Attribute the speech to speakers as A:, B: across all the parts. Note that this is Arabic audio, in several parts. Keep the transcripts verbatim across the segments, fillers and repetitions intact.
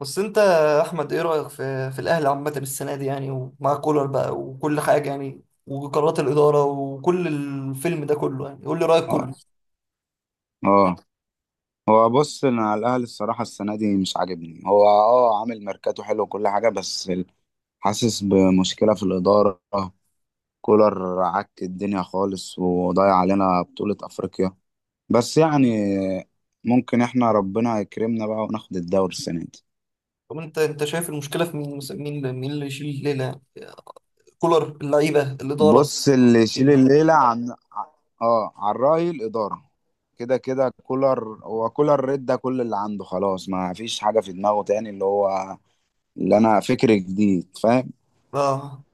A: بس انت يا احمد، ايه رايك في في الاهلي عامه السنه دي يعني؟ ومع كولر بقى وكل حاجه يعني، وقرارات الاداره وكل الفيلم ده كله يعني، قول لي رايك
B: اه
A: كله.
B: اه هو بص، انا على الاهلي الصراحه السنه دي مش عاجبني. هو اه عامل ميركاتو حلو وكل حاجه، بس ال- حاسس بمشكله في الاداره. كولر عك الدنيا خالص وضيع علينا بطوله افريقيا، بس يعني ممكن احنا ربنا يكرمنا بقى وناخد الدوري السنه دي.
A: طب انت انت شايف المشكله في مين مثلا؟ مين اللي- مين اللي يشيل الليله يعني؟ كولر، اللعيبه، الاداره،
B: بص، اللي يشيل
A: إيه؟
B: الليله عن اه عن راي الاداره. كده كده كولر، هو كولر رد كل اللي عنده خلاص، ما فيش حاجه في دماغه تاني، اللي هو اللي انا فكر جديد، فاهم؟
A: اه،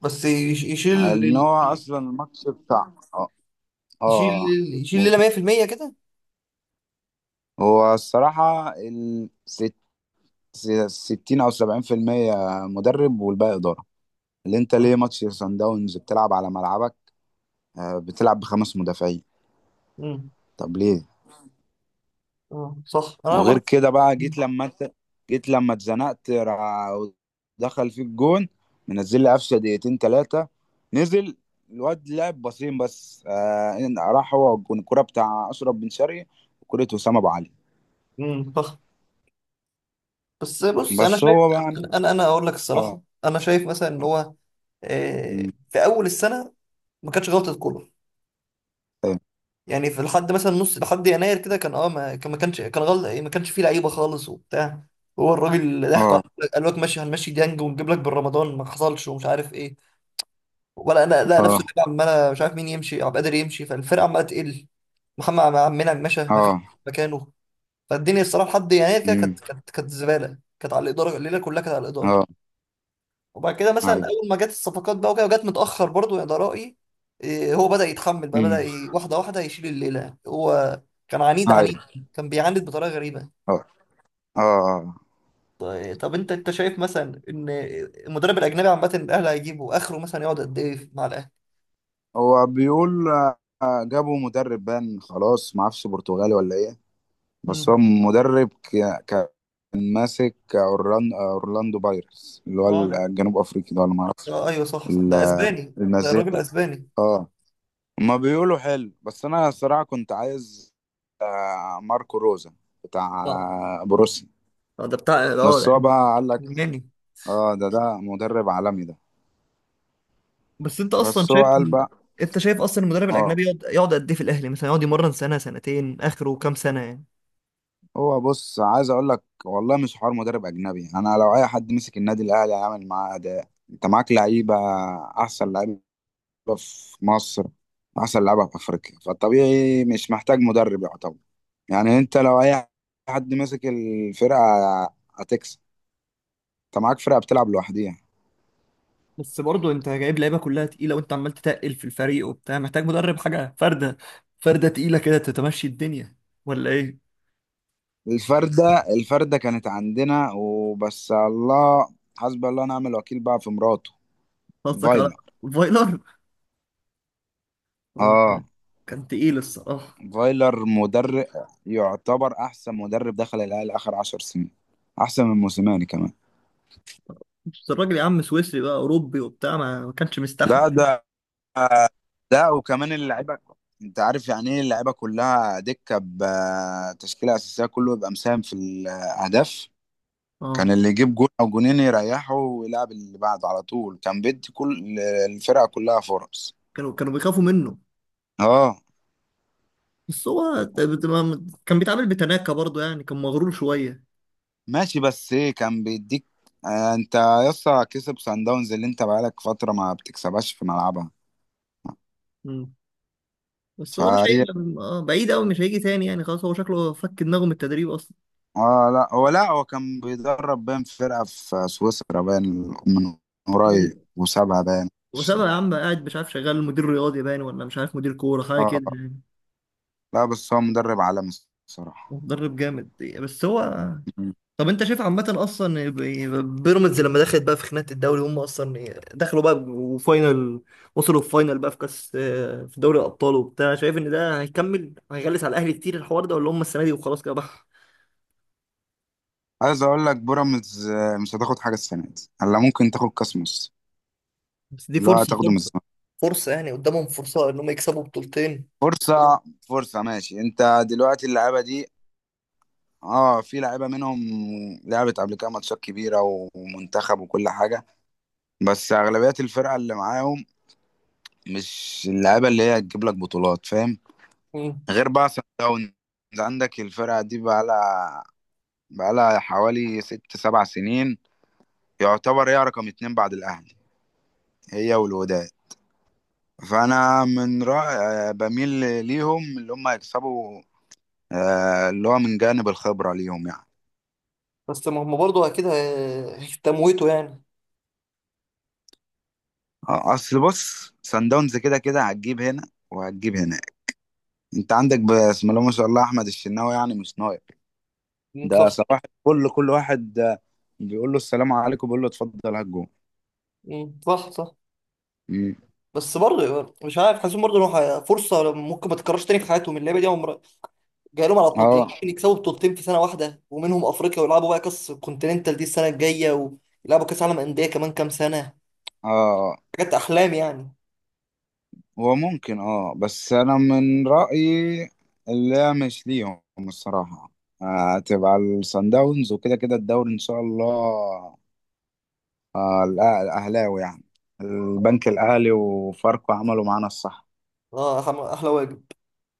A: بس يش- يشيل
B: ان
A: ال-
B: هو اصلا الماتش بتاع اه
A: يشيل
B: اه
A: يشيل
B: آه.
A: الليله مية بالمية كده.
B: هو الصراحه ال ست- س- ستين او سبعين في المية مدرب والباقي اداره. اللي انت
A: اه.
B: ليه ماتش سان داونز بتلعب على ملعبك، آه، بتلعب بخمس مدافعين؟
A: مم.
B: طب ليه؟
A: اه، صح، انا
B: وغير
A: برضه.
B: كده بقى، جيت لما انت جيت لما اتزنقت را- دخل فيك جون، منزل لي قفشه دقيقتين ثلاثه، نزل الواد لعب باصين بس، آه، إن- راح هو والجون. الكوره بتاع اشرف بن شرقي وكوره وسام ابو علي.
A: امم بس بص، انا
B: بس
A: شايف.
B: هو بقى
A: انا انا أنا اقول لك الصراحه،
B: اه
A: انا شايف مثلا ان هو، آه،
B: مم.
A: في اول السنه ما كانش غلطه كولر.
B: اه
A: يعني في، لحد مثلا نص، لحد يناير كده، كان اه ما كان ما كانش كان غلط، ما كانش فيه لعيبه خالص وبتاع. هو الراجل اللي ضحكوا
B: اه
A: عليه قال لك ماشي، هنمشي ديانج ونجيب لك بالرمضان، ما حصلش ومش عارف ايه ولا انا. لا، نفسه
B: اه
A: اللعيبه عماله، مش عارف مين يمشي، عبد القادر يمشي، فالفرقه عماله تقل. محمد عم- عم منعم مشى، ما فيش
B: اه
A: مكانه. فالدنيا الصراحه لحد يناير كده
B: مم.
A: كانت كانت كانت زباله، كانت على الاداره، الليله كلها كانت على الاداره.
B: اه
A: وبعد كده مثلا،
B: هاي.
A: اول ما جت الصفقات بقى وكده، وجت متاخر برضو، يا ده رايي. إيه، هو بدا يتحمل بقى، بدا
B: مم.
A: ي- واحده واحده يشيل الليله هو. كان عنيد
B: هاي.
A: عنيد، كان بيعاند بطريقه غريبه.
B: اه اه آه.
A: طيب- طب انت انت شايف مثلا ان المدرب الاجنبي عامه، الاهلي هيجيبه اخره مثلا يقعد قد ايه مع الاهلي؟
B: هو بيقول آه، جابوا مدرب بان، خلاص ما اعرفش برتغالي ولا ايه. بس هو
A: مم.
B: مدرب ك... كان ماسك أورلان... اورلاندو بايرتس، اللي هو
A: اه، ده
B: الجنوب افريقي ده، ولا ما اعرفش.
A: آه ايوه، صح صح. ده
B: ال-
A: اسباني، ده
B: النازيه.
A: الراجل اسباني.
B: اه، ما بيقولوا حلو، بس انا الصراحه كنت عايز آه، ماركو روزا، بتاع
A: اه،
B: آه، بروسيا.
A: آه، ده بتاع اه
B: بس هو
A: يعني
B: بقى قال لك
A: الماني.
B: اه، ده ده مدرب عالمي ده.
A: بس انت اصلا
B: بس هو
A: شايف
B: قال
A: إن-
B: بقى
A: انت شايف اصلا المدرب
B: اه،
A: الاجنبي يقعد يقعد قد ايه في الاهلي؟ مثلا يقعد يمرن سنه سنتين، اخره كام سنه يعني؟
B: هو بص، عايز اقول لك والله مش حوار مدرب اجنبي. انا لو اي حد مسك النادي الاهلي هيعمل معاه اداء. انت معاك لعيبه، احسن لعيبه في مصر، احسن لعيبه في افريقيا، فالطبيعي مش محتاج مدرب، يعتبر. يعني انت لو اي حد مسك الفرقه هتكسب. انت معاك فرقه بتلعب لوحديها.
A: بس برضه انت جايب لعيبه كلها تقيله، وانت عمال تتقل في الفريق وبتاع، محتاج مدرب حاجه فرده فرده تقيله كده تتمشي الدنيا، ولا ايه؟
B: الفرده الفرده كانت عندنا، وبس الله حسبي الله ونعم الوكيل بقى في مراته، في
A: قصدك على
B: فايلر.
A: فايلر. هو
B: اه،
A: كان كان تقيل الصراحه.
B: فايلر مدرب يعتبر احسن مدرب دخل الاهلي اخر عشر سنين، احسن من موسيماني كمان.
A: بس الراجل يا عم سويسري بقى، اوروبي وبتاع، ما ما كانش مستحمل.
B: لا ده، ده وكمان اللعيبه، انت عارف يعني ايه اللعيبه كلها دكه بتشكيله اساسيه كله يبقى مساهم في الاهداف. كان
A: اه،
B: اللي يجيب جول او جونين يريحه ويلعب اللي بعده على طول، كان بيدي كل الفرقه كلها فرص.
A: كانوا كانوا بيخافوا منه.
B: اه،
A: بس هو ت- بت- ما- كان بيتعامل بتناكة برضه، يعني كان مغرور شويه.
B: ماشي، بس ايه كان بيديك آه، انت يسطا كسب سان داونز اللي انت بقالك فتره ما بتكسبهاش في ملعبها.
A: مم. بس هو مش
B: فهي
A: هيبقى. اه، بعيد قوي، مش هيجي تاني يعني، خلاص هو شكله فك دماغه من التدريب.
B: اه، لا هو، لا هو كان بيدرب بين فرقه في سويسرا بين من
A: اصلا
B: قريب، وسابها بين
A: وسابها يا عم، قاعد مش عارف، شغال مدير رياضي باين، ولا مش عارف، مدير كورة حاجة
B: اه
A: كده
B: آه.
A: يعني.
B: لا بس هو مدرب عالمي الصراحة.
A: مدرب جامد. بس هو.
B: مم.
A: طب انت شايف عامة اصلا، ب- بيراميدز لما دخلت بقى في خناقة الدوري، هم اصلا دخلوا بقى وفاينل، وصلوا الفاينل بقى في كاس، في دوري الابطال وبتاع، شايف ان ده هيكمل هيغلس على الاهلي كتير الحوار ده، ولا هم السنة دي وخلاص كده بقى؟
B: عايز اقول لك بيراميدز آه، مش هتاخد حاجة السنة دي. هلا ممكن تاخد كاس مصر،
A: بس دي
B: اللي هو
A: فرصة،
B: هتاخده من
A: فرصة،
B: الزمالك.
A: فرصة يعني، قدامهم فرصة ان هم يكسبوا بطولتين.
B: فرصة، فرصة، ماشي. انت دلوقتي اللعيبة دي، اه، في لعيبة منهم لعبت قبل كده ماتشات كبيرة ومنتخب وكل حاجة، بس اغلبية الفرقة اللي معاهم مش اللعيبة اللي هي هتجيب لك بطولات، فاهم؟
A: مم.
B: غير بقى سان داونز. عندك الفرقة دي بقى لها بقى لها حوالي ست سبع سنين، يعتبر هي رقم اتنين بعد الاهلي، هي والوداد. فانا من رأي بميل ليهم اللي هم يكسبوا آه، اللي هو من جانب الخبره ليهم يعني.
A: بس ما هم برضه اكيد هي- هيتموتوا يعني.
B: آه، اصل بص، سان داونز كده كده هتجيب هنا وهتجيب هنا. انت عندك بسم الله ما شاء الله احمد الشناوي، يعني مش نايم،
A: مم،
B: ده
A: صح.
B: صباح كل كل واحد آه، بيقول له السلام عليكم بيقول له اتفضل هات جون.
A: مم، صح صح.
B: مم.
A: بس برضه مش عارف، حاسسهم برضه إنه ح- فرصه ممكن ما تتكررش تاني في حياتهم، اللعيبه دي عمر جاي لهم على بطولتين،
B: اه
A: ممكن يكسبوا بطولتين في سنه واحده، ومنهم افريقيا، ويلعبوا بقى كاس كونتيننتال دي السنه الجايه، ويلعبوا كاس عالم انديه كمان كام سنه.
B: اه
A: حاجات احلام يعني.
B: هو ممكن اه، بس انا من رأيي لا، مش ليهم الصراحة. آه، هتبقى الصن داونز، وكده كده الدوري ان شاء الله آه، الأه- الاهلاوي يعني، البنك الاهلي وفاركو عملوا معانا الصح.
A: اه، أح- احلى واجب.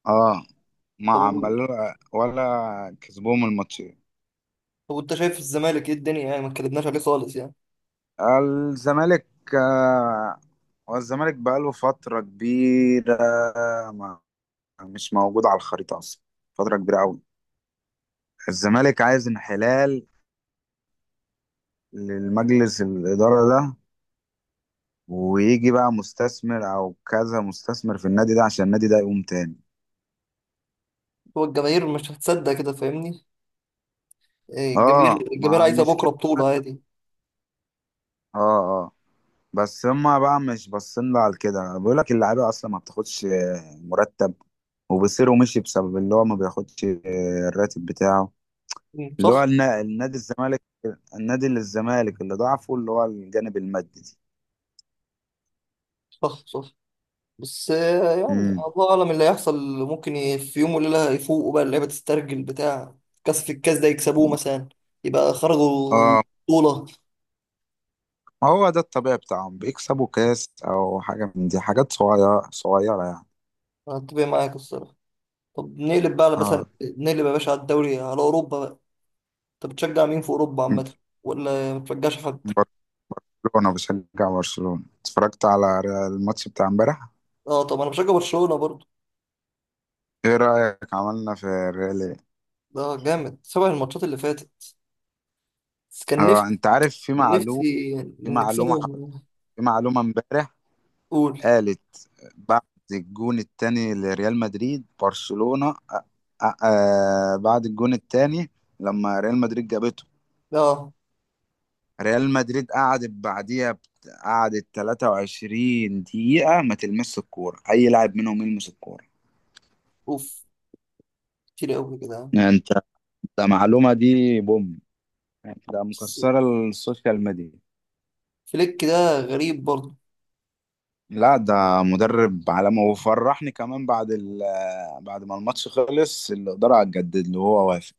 B: اه، ما
A: طب و-
B: عملوا، ولا كسبوهم الماتشين.
A: طب وانت شايف الزمالك، ايه الدنيا؟ يعني ما اتكلمناش عليه خالص يعني.
B: الزمالك آه، هو الزمالك بقاله فترة كبيرة ما مش موجود على الخريطة اصلا، فترة كبيرة قوي. الزمالك عايز انحلال للمجلس الإدارة ده، ويجي بقى مستثمر أو كذا مستثمر في النادي ده عشان النادي ده يقوم تاني.
A: هو الجماهير مش هتصدق كده، فاهمني؟ إيه،
B: اه،
A: الجماهير الجماهير
B: مع
A: عايزه بكره
B: المشكلة، اه
A: بطوله عادي.
B: اه بس هما بقى مش باصين لها على كده، بيقول لك اللعيبة أصلا ما بتاخدش آه، مرتب، وبيصيروا مشي بسبب اللي هو ما بياخدش آه، الراتب بتاعه،
A: مم،
B: اللي
A: صح
B: هو النا- النادي الزمالك، النادي للزمالك اللي ضعفه اللي هو الجانب المادي دي.
A: صح صح. بس آه، يعني
B: امم،
A: الله اعلم اللي هيحصل. ممكن ي- في يوم وليله يفوقوا بقى، اللعيبه تسترجل بتاع، كاس، في الكاس ده يكسبوه مثلا، يبقى خرجوا
B: اه،
A: بطوله.
B: ما هو ده الطبيعي بتاعهم، بيكسبوا كاس او حاجه من دي، حاجات صغيره صغيره يعني.
A: انا اتفق معاك الصراحه. طب نقلب بقى على، مثلا
B: اه،
A: نقلب يا باشا، على الدوري، على اوروبا بقى. طب بتشجع مين في اوروبا عامه؟ ولا ما بتشجعش حد؟
B: بر- برشلونه، بشجع برشلونه، اتفرجت على ري- الماتش بتاع امبارح.
A: اه، طب انا بشجع برشلونه برضو.
B: ايه رايك عملنا في الريال إيه؟
A: ده جامد سبع الماتشات اللي فاتت. بس كان نفسي
B: اه، انت عارف في معلومه،
A: نفسي
B: في معلومه ح-
A: نكسبهم.
B: في معلومه امبارح
A: قول.
B: قالت بعد الجون التاني لريال مدريد، برشلونه آه آه آه، بعد الجون التاني لما ريال مدريد جابته،
A: اه.
B: ريال مدريد قعدت بعديها بت- قعدت تلاتة وعشرين دقيقة ما تلمس الكورة، أي لاعب منهم يلمس الكورة.
A: اوف، كتير قوي كده.
B: يعني أنت، ده معلومة دي بوم، يعني ده
A: بس
B: مكسرة السوشيال ميديا.
A: فليك ده غريب برضه.
B: لا، ده مدرب عالمي، وفرحني كمان بعد ال بعد ما الماتش خلص الإدارة هتجدد له هو وافق.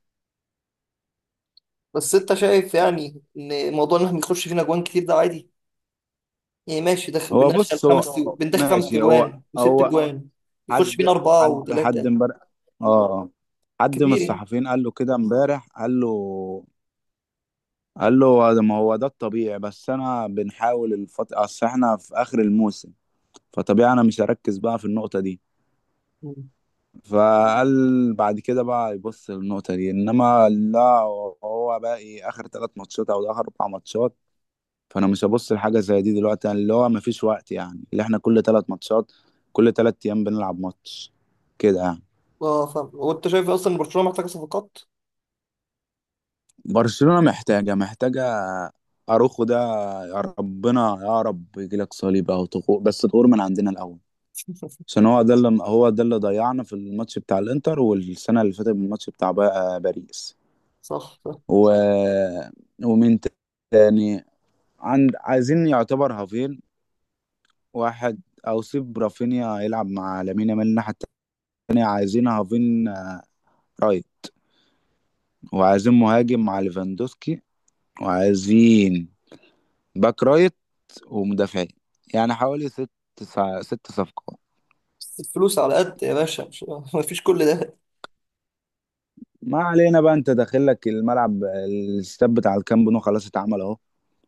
A: بس انت شايف يعني ان موضوع ان احنا بنخش فينا جوان كتير ده عادي يعني؟ ماشي دخل،
B: هو
A: بندخل
B: بص
A: خمس
B: هو
A: تجو- بندخل خمس
B: ماشي. هو
A: تجوان وست
B: هو
A: جوان، يخش فينا
B: حد
A: اربعه
B: حد حد
A: وثلاثه،
B: امبارح، اه، حد من
A: كتير يعني.
B: الصحفيين قال له كده امبارح، قال له، قال له ده- ما هو ده الطبيعي، بس انا بنحاول الفت... اصل احنا في اخر الموسم، فطبيعي انا مش هركز بقى في النقطة دي.
A: مم.
B: فقال بعد كده بقى يبص للنقطة دي، انما لا، هو باقي اخر تلات ماتشات او اخر اربع ماتشات، فانا مش هبص لحاجة زي دي دلوقتي، يعني اللي هو مفيش وقت، يعني اللي احنا كل تلات ماتشات، كل تلات ايام بنلعب ماتش كده يعني.
A: اه، فاهم. وانت شايف اصلا ان برشلونه محتاجه صفقات؟
B: برشلونة محتاجة محتاجة اروخو ده، يا ربنا يا رب يجيلك صليب او تخور، بس تخور من عندنا الاول، عشان هو ده اللي هو ده اللي ضيعنا في الماتش بتاع الانتر، والسنه اللي فاتت الماتش بتاع با- باريس
A: صح صح.
B: و... ومين تاني. عند عايزين يعتبر هافين واحد، او سيب رافينيا يلعب مع لامين يامال الناحيه التانيه، عايزين هافين آه، رايت، وعايزين مهاجم مع ليفاندوسكي، وعايزين باك رايت ومدافعين، يعني حوالي ست سع- ست صفقات.
A: بس الفلوس على قد يا باشا، مش مفيش كل ده.
B: ما علينا بقى، انت داخل لك الملعب الاستاد بتاع الكامب نو خلاص اتعمل اهو،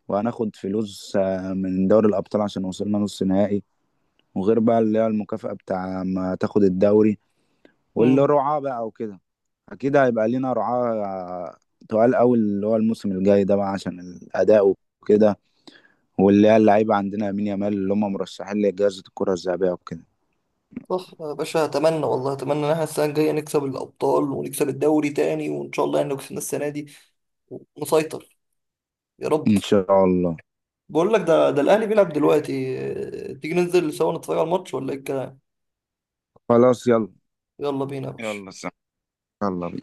B: وهناخد فلوس آه، من دوري الأبطال عشان وصلنا نص نهائي، وغير بقى اللي هي المكافأة بتاع ما تاخد الدوري، واللي
A: مم.
B: رعاة بقى وكده، أكيد هيبقى لينا رعاة آه، تقال أوي اللي هو الموسم الجاي ده بقى عشان الأداء وكده، واللي هي اللعيبة عندنا يمين يامال اللي هم مرشحين لجائزة الكرة الذهبية وكده.
A: صح يا باشا، اتمنى والله اتمنى ان احنا السنه الجايه نكسب الابطال ونكسب الدوري تاني، وان شاء الله يعني لو كسبنا السنه دي ونسيطر، يا رب.
B: إن شاء الله.
A: بقول لك، ده ده الاهلي بيلعب دلوقتي. آه، تيجي ننزل سوا نتفرج على الماتش، ولا ايه الكلام؟
B: خلاص يلا.
A: يلا بينا يا
B: يلا
A: باشا.
B: سلام. يلا.